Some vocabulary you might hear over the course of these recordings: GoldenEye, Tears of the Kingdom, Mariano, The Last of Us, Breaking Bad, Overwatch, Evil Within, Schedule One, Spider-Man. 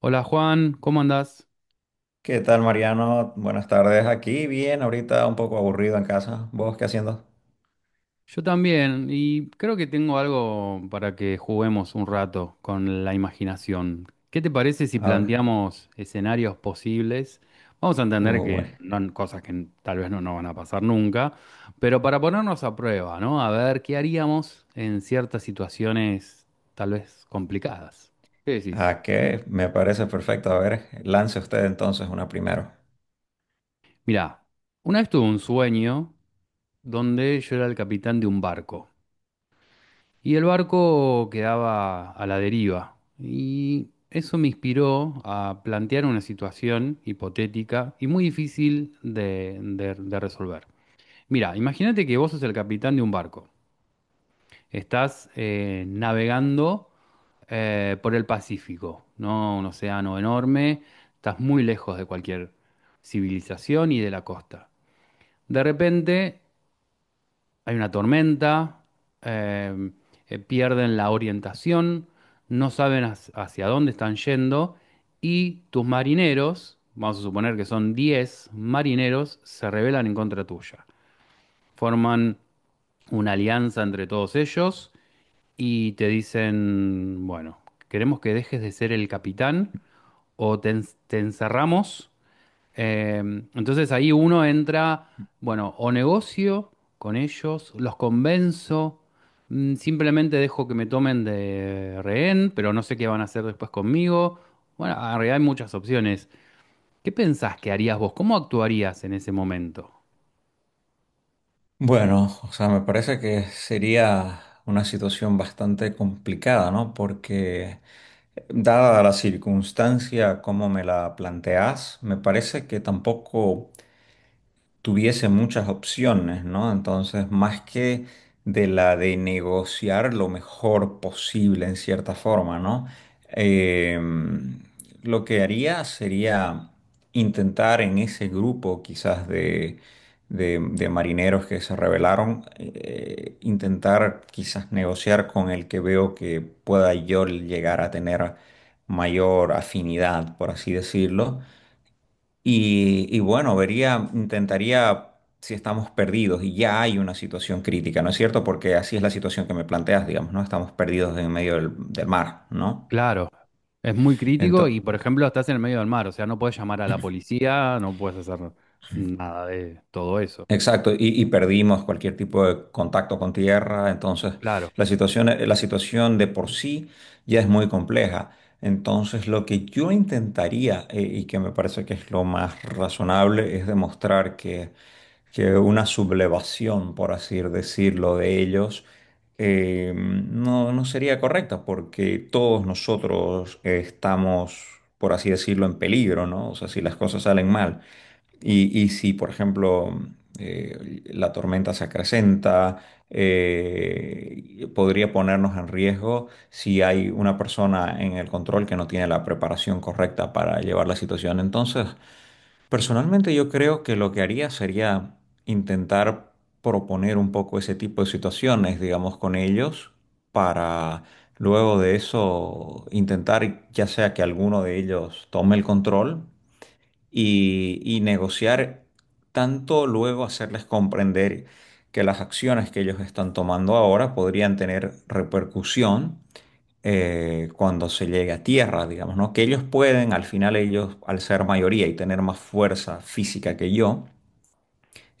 Hola Juan, ¿cómo andás? ¿Qué tal, Mariano? Buenas tardes. Aquí bien, ahorita un poco aburrido en casa. ¿Vos qué haciendo? Yo también, y creo que tengo algo para que juguemos un rato con la imaginación. ¿Qué te parece si A ver. planteamos escenarios posibles? Vamos a entender que Bueno. no, cosas que tal vez no nos van a pasar nunca, pero para ponernos a prueba, ¿no? A ver qué haríamos en ciertas situaciones tal vez complicadas. ¿Qué decís? ¿A qué? Me parece perfecto. A ver, lance usted entonces una primero. Mirá, una vez tuve un sueño donde yo era el capitán de un barco. Y el barco quedaba a la deriva. Y eso me inspiró a plantear una situación hipotética y muy difícil de resolver. Mira, imagínate que vos sos el capitán de un barco. Estás navegando por el Pacífico, ¿no? Un océano enorme. Estás muy lejos de cualquier civilización y de la costa. De repente hay una tormenta, eh, pierden la orientación, no saben hacia dónde están yendo y tus marineros, vamos a suponer que son 10 marineros, se rebelan en contra tuya. Forman una alianza entre todos ellos y te dicen, bueno, queremos que dejes de ser el capitán o te encerramos, eh, entonces ahí uno entra, bueno, o negocio con ellos, los convenzo, simplemente dejo que me tomen de rehén, pero no sé qué van a hacer después conmigo. Bueno, en realidad hay muchas opciones. ¿Qué pensás que harías vos? ¿Cómo actuarías en ese momento? Bueno, o sea, me parece que sería una situación bastante complicada, ¿no? Porque dada la circunstancia como me la planteas, me parece que tampoco tuviese muchas opciones, ¿no? Entonces, más que de negociar lo mejor posible en cierta forma, ¿no? Eh, lo que haría sería intentar en ese grupo quizás de marineros que se rebelaron, intentar quizás negociar con el que veo que pueda yo llegar a tener mayor afinidad, por así decirlo, y, bueno, vería, intentaría si estamos perdidos y ya hay una situación crítica, ¿no es cierto? Porque así es la situación que me planteas, digamos, ¿no? Estamos perdidos en medio del mar, ¿no? Claro, es muy crítico y, Entonces, por ejemplo, estás en el medio del mar, o sea, no puedes llamar a la policía, no puedes hacer nada de todo eso. exacto, y, perdimos cualquier tipo de contacto con tierra, entonces Claro. La situación de por sí ya es muy compleja. Entonces, lo que yo intentaría, y que me parece que es lo más razonable, es demostrar que una sublevación, por así decirlo, de ellos, no, no sería correcta, porque todos nosotros estamos, por así decirlo, en peligro, ¿no? O sea, si las cosas salen mal. Y si, por ejemplo, la tormenta se acrecenta, podría ponernos en riesgo si hay una persona en el control que no tiene la preparación correcta para llevar la situación. Entonces, personalmente yo creo que lo que haría sería intentar proponer un poco ese tipo de situaciones, digamos, con ellos, para luego de eso intentar ya sea que alguno de ellos tome el control y negociar tanto luego hacerles comprender que las acciones que ellos están tomando ahora podrían tener repercusión cuando se llegue a tierra, digamos, ¿no? Que ellos pueden, al final ellos, al ser mayoría y tener más fuerza física que yo,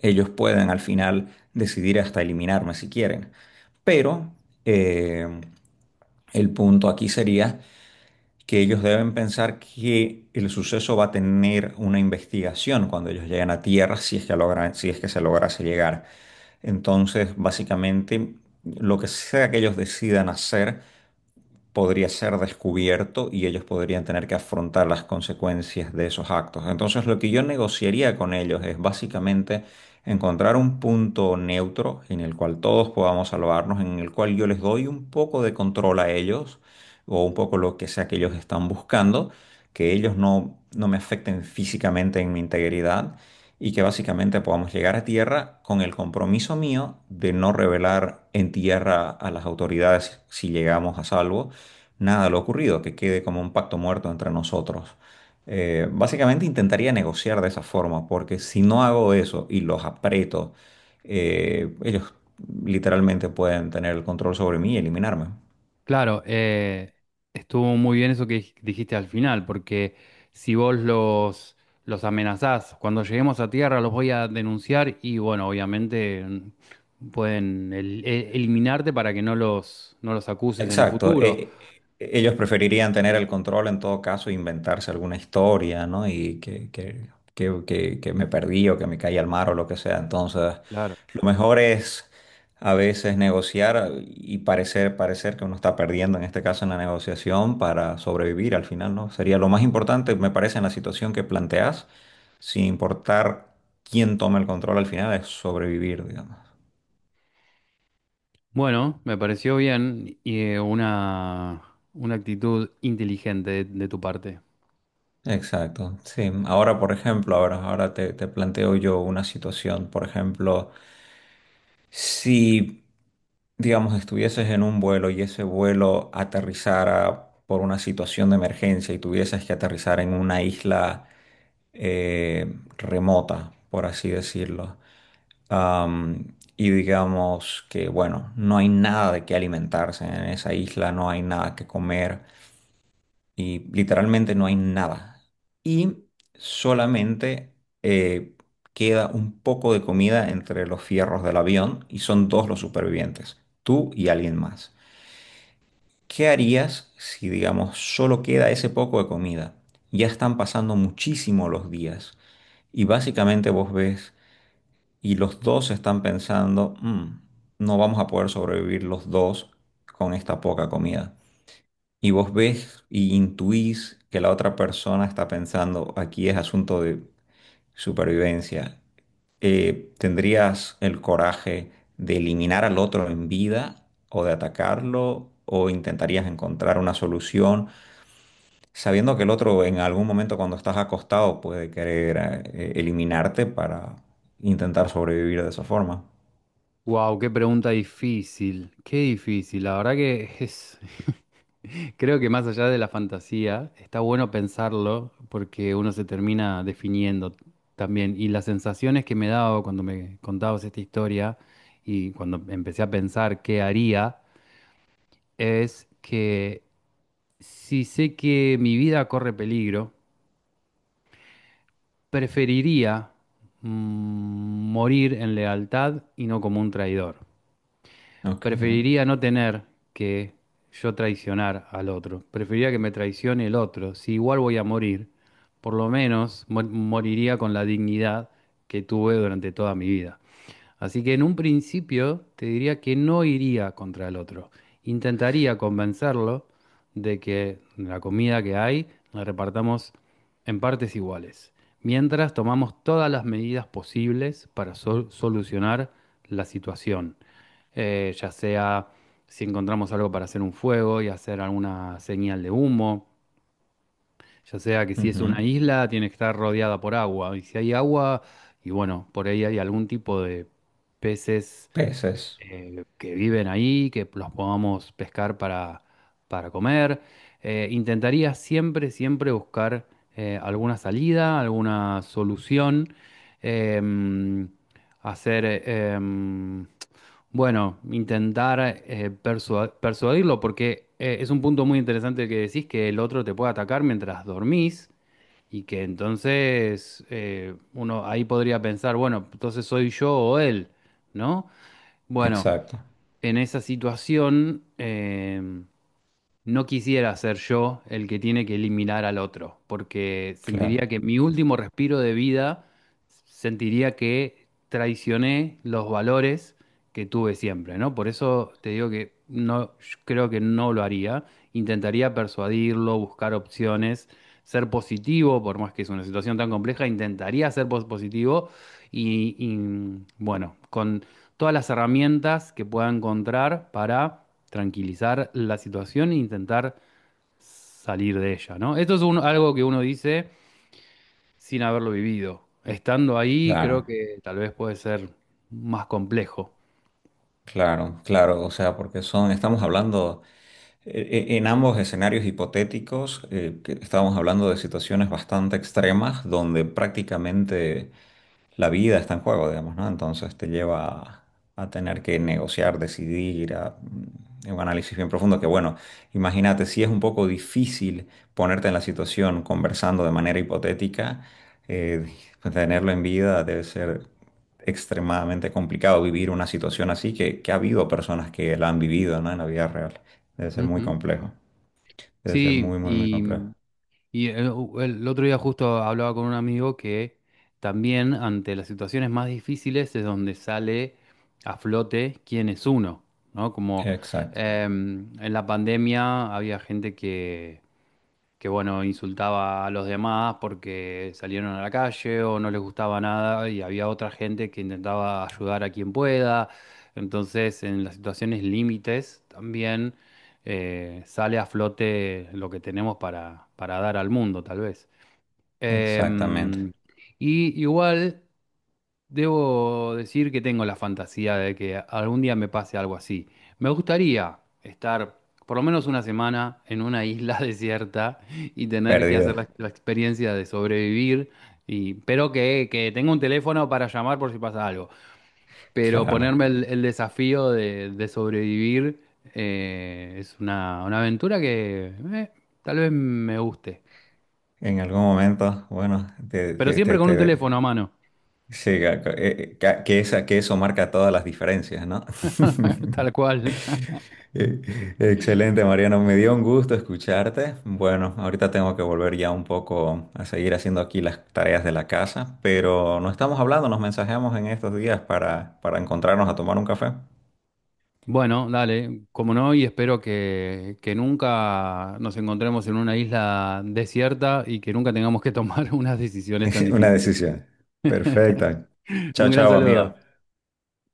ellos pueden al final decidir hasta eliminarme si quieren. Pero eh, el punto aquí sería que ellos deben pensar que el suceso va a tener una investigación cuando ellos lleguen a tierra, si es que logran, si es que se lograse llegar. Entonces, básicamente, lo que sea que ellos decidan hacer, podría ser descubierto y ellos podrían tener que afrontar las consecuencias de esos actos. Entonces, lo que yo negociaría con ellos es básicamente encontrar un punto neutro en el cual todos podamos salvarnos, en el cual yo les doy un poco de control a ellos o un poco lo que sea que ellos están buscando, que ellos no, no me afecten físicamente en mi integridad. Y que básicamente podamos llegar a tierra con el compromiso mío de no revelar en tierra a las autoridades si llegamos a salvo, nada, lo ocurrido, que quede como un pacto muerto entre nosotros. Básicamente intentaría negociar de esa forma, porque si no hago eso y los aprieto, ellos literalmente pueden tener el control sobre mí y eliminarme. Claro, estuvo muy bien eso que dijiste al final, porque si vos los amenazás, cuando lleguemos a tierra los voy a denunciar y bueno, obviamente pueden eliminarte para que no los acuses en el Exacto. futuro. Ellos preferirían tener el control en todo caso, e inventarse alguna historia, ¿no? Y que me perdí o que me caí al mar o lo que sea. Entonces, Claro. lo mejor es a veces negociar y parecer que uno está perdiendo, en este caso en la negociación, para sobrevivir al final, ¿no? Sería lo más importante, me parece, en la situación que planteas, sin importar quién toma el control al final, es sobrevivir, digamos. Bueno, me pareció bien y una actitud inteligente de tu parte. Exacto, sí. Ahora, por ejemplo, ahora te, te planteo yo una situación. Por ejemplo, si, digamos, estuvieses en un vuelo y ese vuelo aterrizara por una situación de emergencia y tuvieses que aterrizar en una isla remota, por así decirlo, y digamos que, bueno, no hay nada de qué alimentarse en esa isla, no hay nada que comer y literalmente no hay nada. Y solamente eh, queda un poco de comida entre los fierros del avión y son dos los supervivientes, tú y alguien más. ¿Qué harías si, digamos, solo queda ese poco de comida? Ya están pasando muchísimo los días y básicamente vos ves y los dos están pensando, "Mm, no vamos a poder sobrevivir los dos con esta poca comida y vos ves y intuís que la otra persona está pensando, aquí es asunto de supervivencia, ¿tendrías el coraje de eliminar al otro en vida o de atacarlo? ¿O intentarías encontrar una solución sabiendo que el otro en algún momento cuando estás acostado puede querer eliminarte para intentar sobrevivir de esa forma? Wow, qué pregunta difícil, qué difícil, la verdad que es... Creo que más allá de la fantasía, está bueno pensarlo porque uno se termina definiendo también. Y las sensaciones que me daba cuando me contabas esta historia y cuando empecé a pensar qué haría, es que si sé que mi vida corre peligro, preferiría, mm, morir en lealtad y no como un traidor. Ok. Preferiría no tener que yo traicionar al otro. Preferiría que me traicione el otro. Si igual voy a morir, por lo menos moriría con la dignidad que tuve durante toda mi vida. Así que en un principio te diría que no iría contra el otro. Intentaría convencerlo de que la comida que hay la repartamos en partes iguales, mientras tomamos todas las medidas posibles para solucionar la situación. Ya sea si encontramos algo para hacer un fuego y hacer alguna señal de humo, ya sea que si es una Ujú. isla, tiene que estar rodeada por agua. Y si hay agua, y bueno, por ahí hay algún tipo de peces Peces. Que viven ahí, que los podamos pescar para comer. Intentaría siempre, siempre buscar, alguna salida, alguna solución, em, hacer, bueno, intentar persuadirlo, porque es un punto muy interesante que decís que el otro te puede atacar mientras dormís. Y que entonces uno ahí podría pensar, bueno, entonces soy yo o él, ¿no? Bueno, Exacto. en esa situación, no quisiera ser yo el que tiene que eliminar al otro, porque Claro. sentiría que mi último respiro de vida, sentiría que traicioné los valores que tuve siempre, ¿no? Por eso te digo que no, yo creo que no lo haría. Intentaría persuadirlo, buscar opciones, ser positivo, por más que es una situación tan compleja, intentaría ser positivo y bueno, con todas las herramientas que pueda encontrar para tranquilizar la situación e intentar salir de ella, ¿no? Esto es algo que uno dice sin haberlo vivido. Estando ahí, creo Claro. que tal vez puede ser más complejo. Claro, claro, o sea, porque son, estamos hablando en ambos escenarios hipotéticos, que estamos hablando de situaciones bastante extremas donde prácticamente la vida está en juego, digamos, ¿no? Entonces te lleva a tener que negociar, decidir, a un análisis bien profundo que, bueno, imagínate, si es un poco difícil ponerte en la situación conversando de manera hipotética, eh, pues, tenerlo en vida debe ser extremadamente complicado vivir una situación así, que ha habido personas que la han vivido, ¿no? En la vida real. Debe ser muy Ujú. complejo, debe ser Sí, muy, y, complejo. y el, el otro día justo hablaba con un amigo que también ante las situaciones más difíciles es donde sale a flote quién es uno, ¿no? Como Exacto, en la pandemia había gente que bueno, insultaba a los demás porque salieron a la calle o no les gustaba nada y había otra gente que intentaba ayudar a quien pueda. Entonces, en las situaciones límites también, sale a flote lo que tenemos para dar al mundo, tal vez. exactamente. Em, y igual... Debo decir que tengo la fantasía de que algún día me pase algo así. Me gustaría estar por lo menos una semana en una isla desierta y tener que hacer Perdido. La experiencia de sobrevivir, y, pero que tenga un teléfono para llamar por si pasa algo. Pero Claro, ¿no? ponerme el desafío de sobrevivir, es una aventura que tal vez me guste. En algún momento, bueno, Pero siempre con un teléfono a mano, sí, ca- ca- ca- que, esa, que eso marca todas las diferencias, ¿no? tal cual. Eh, Excelente, Mariano. Me dio un gusto escucharte. Bueno, ahorita tengo que volver ya un poco a seguir haciendo aquí las tareas de la casa, pero no estamos hablando, nos mensajeamos en estos días para encontrarnos a tomar un café. Bueno, dale, como no, y espero que nunca nos encontremos en una isla desierta y que nunca tengamos que tomar unas decisiones tan Una difíciles. decisión. Perfecta. Un Chao, gran chao, amigo. saludo.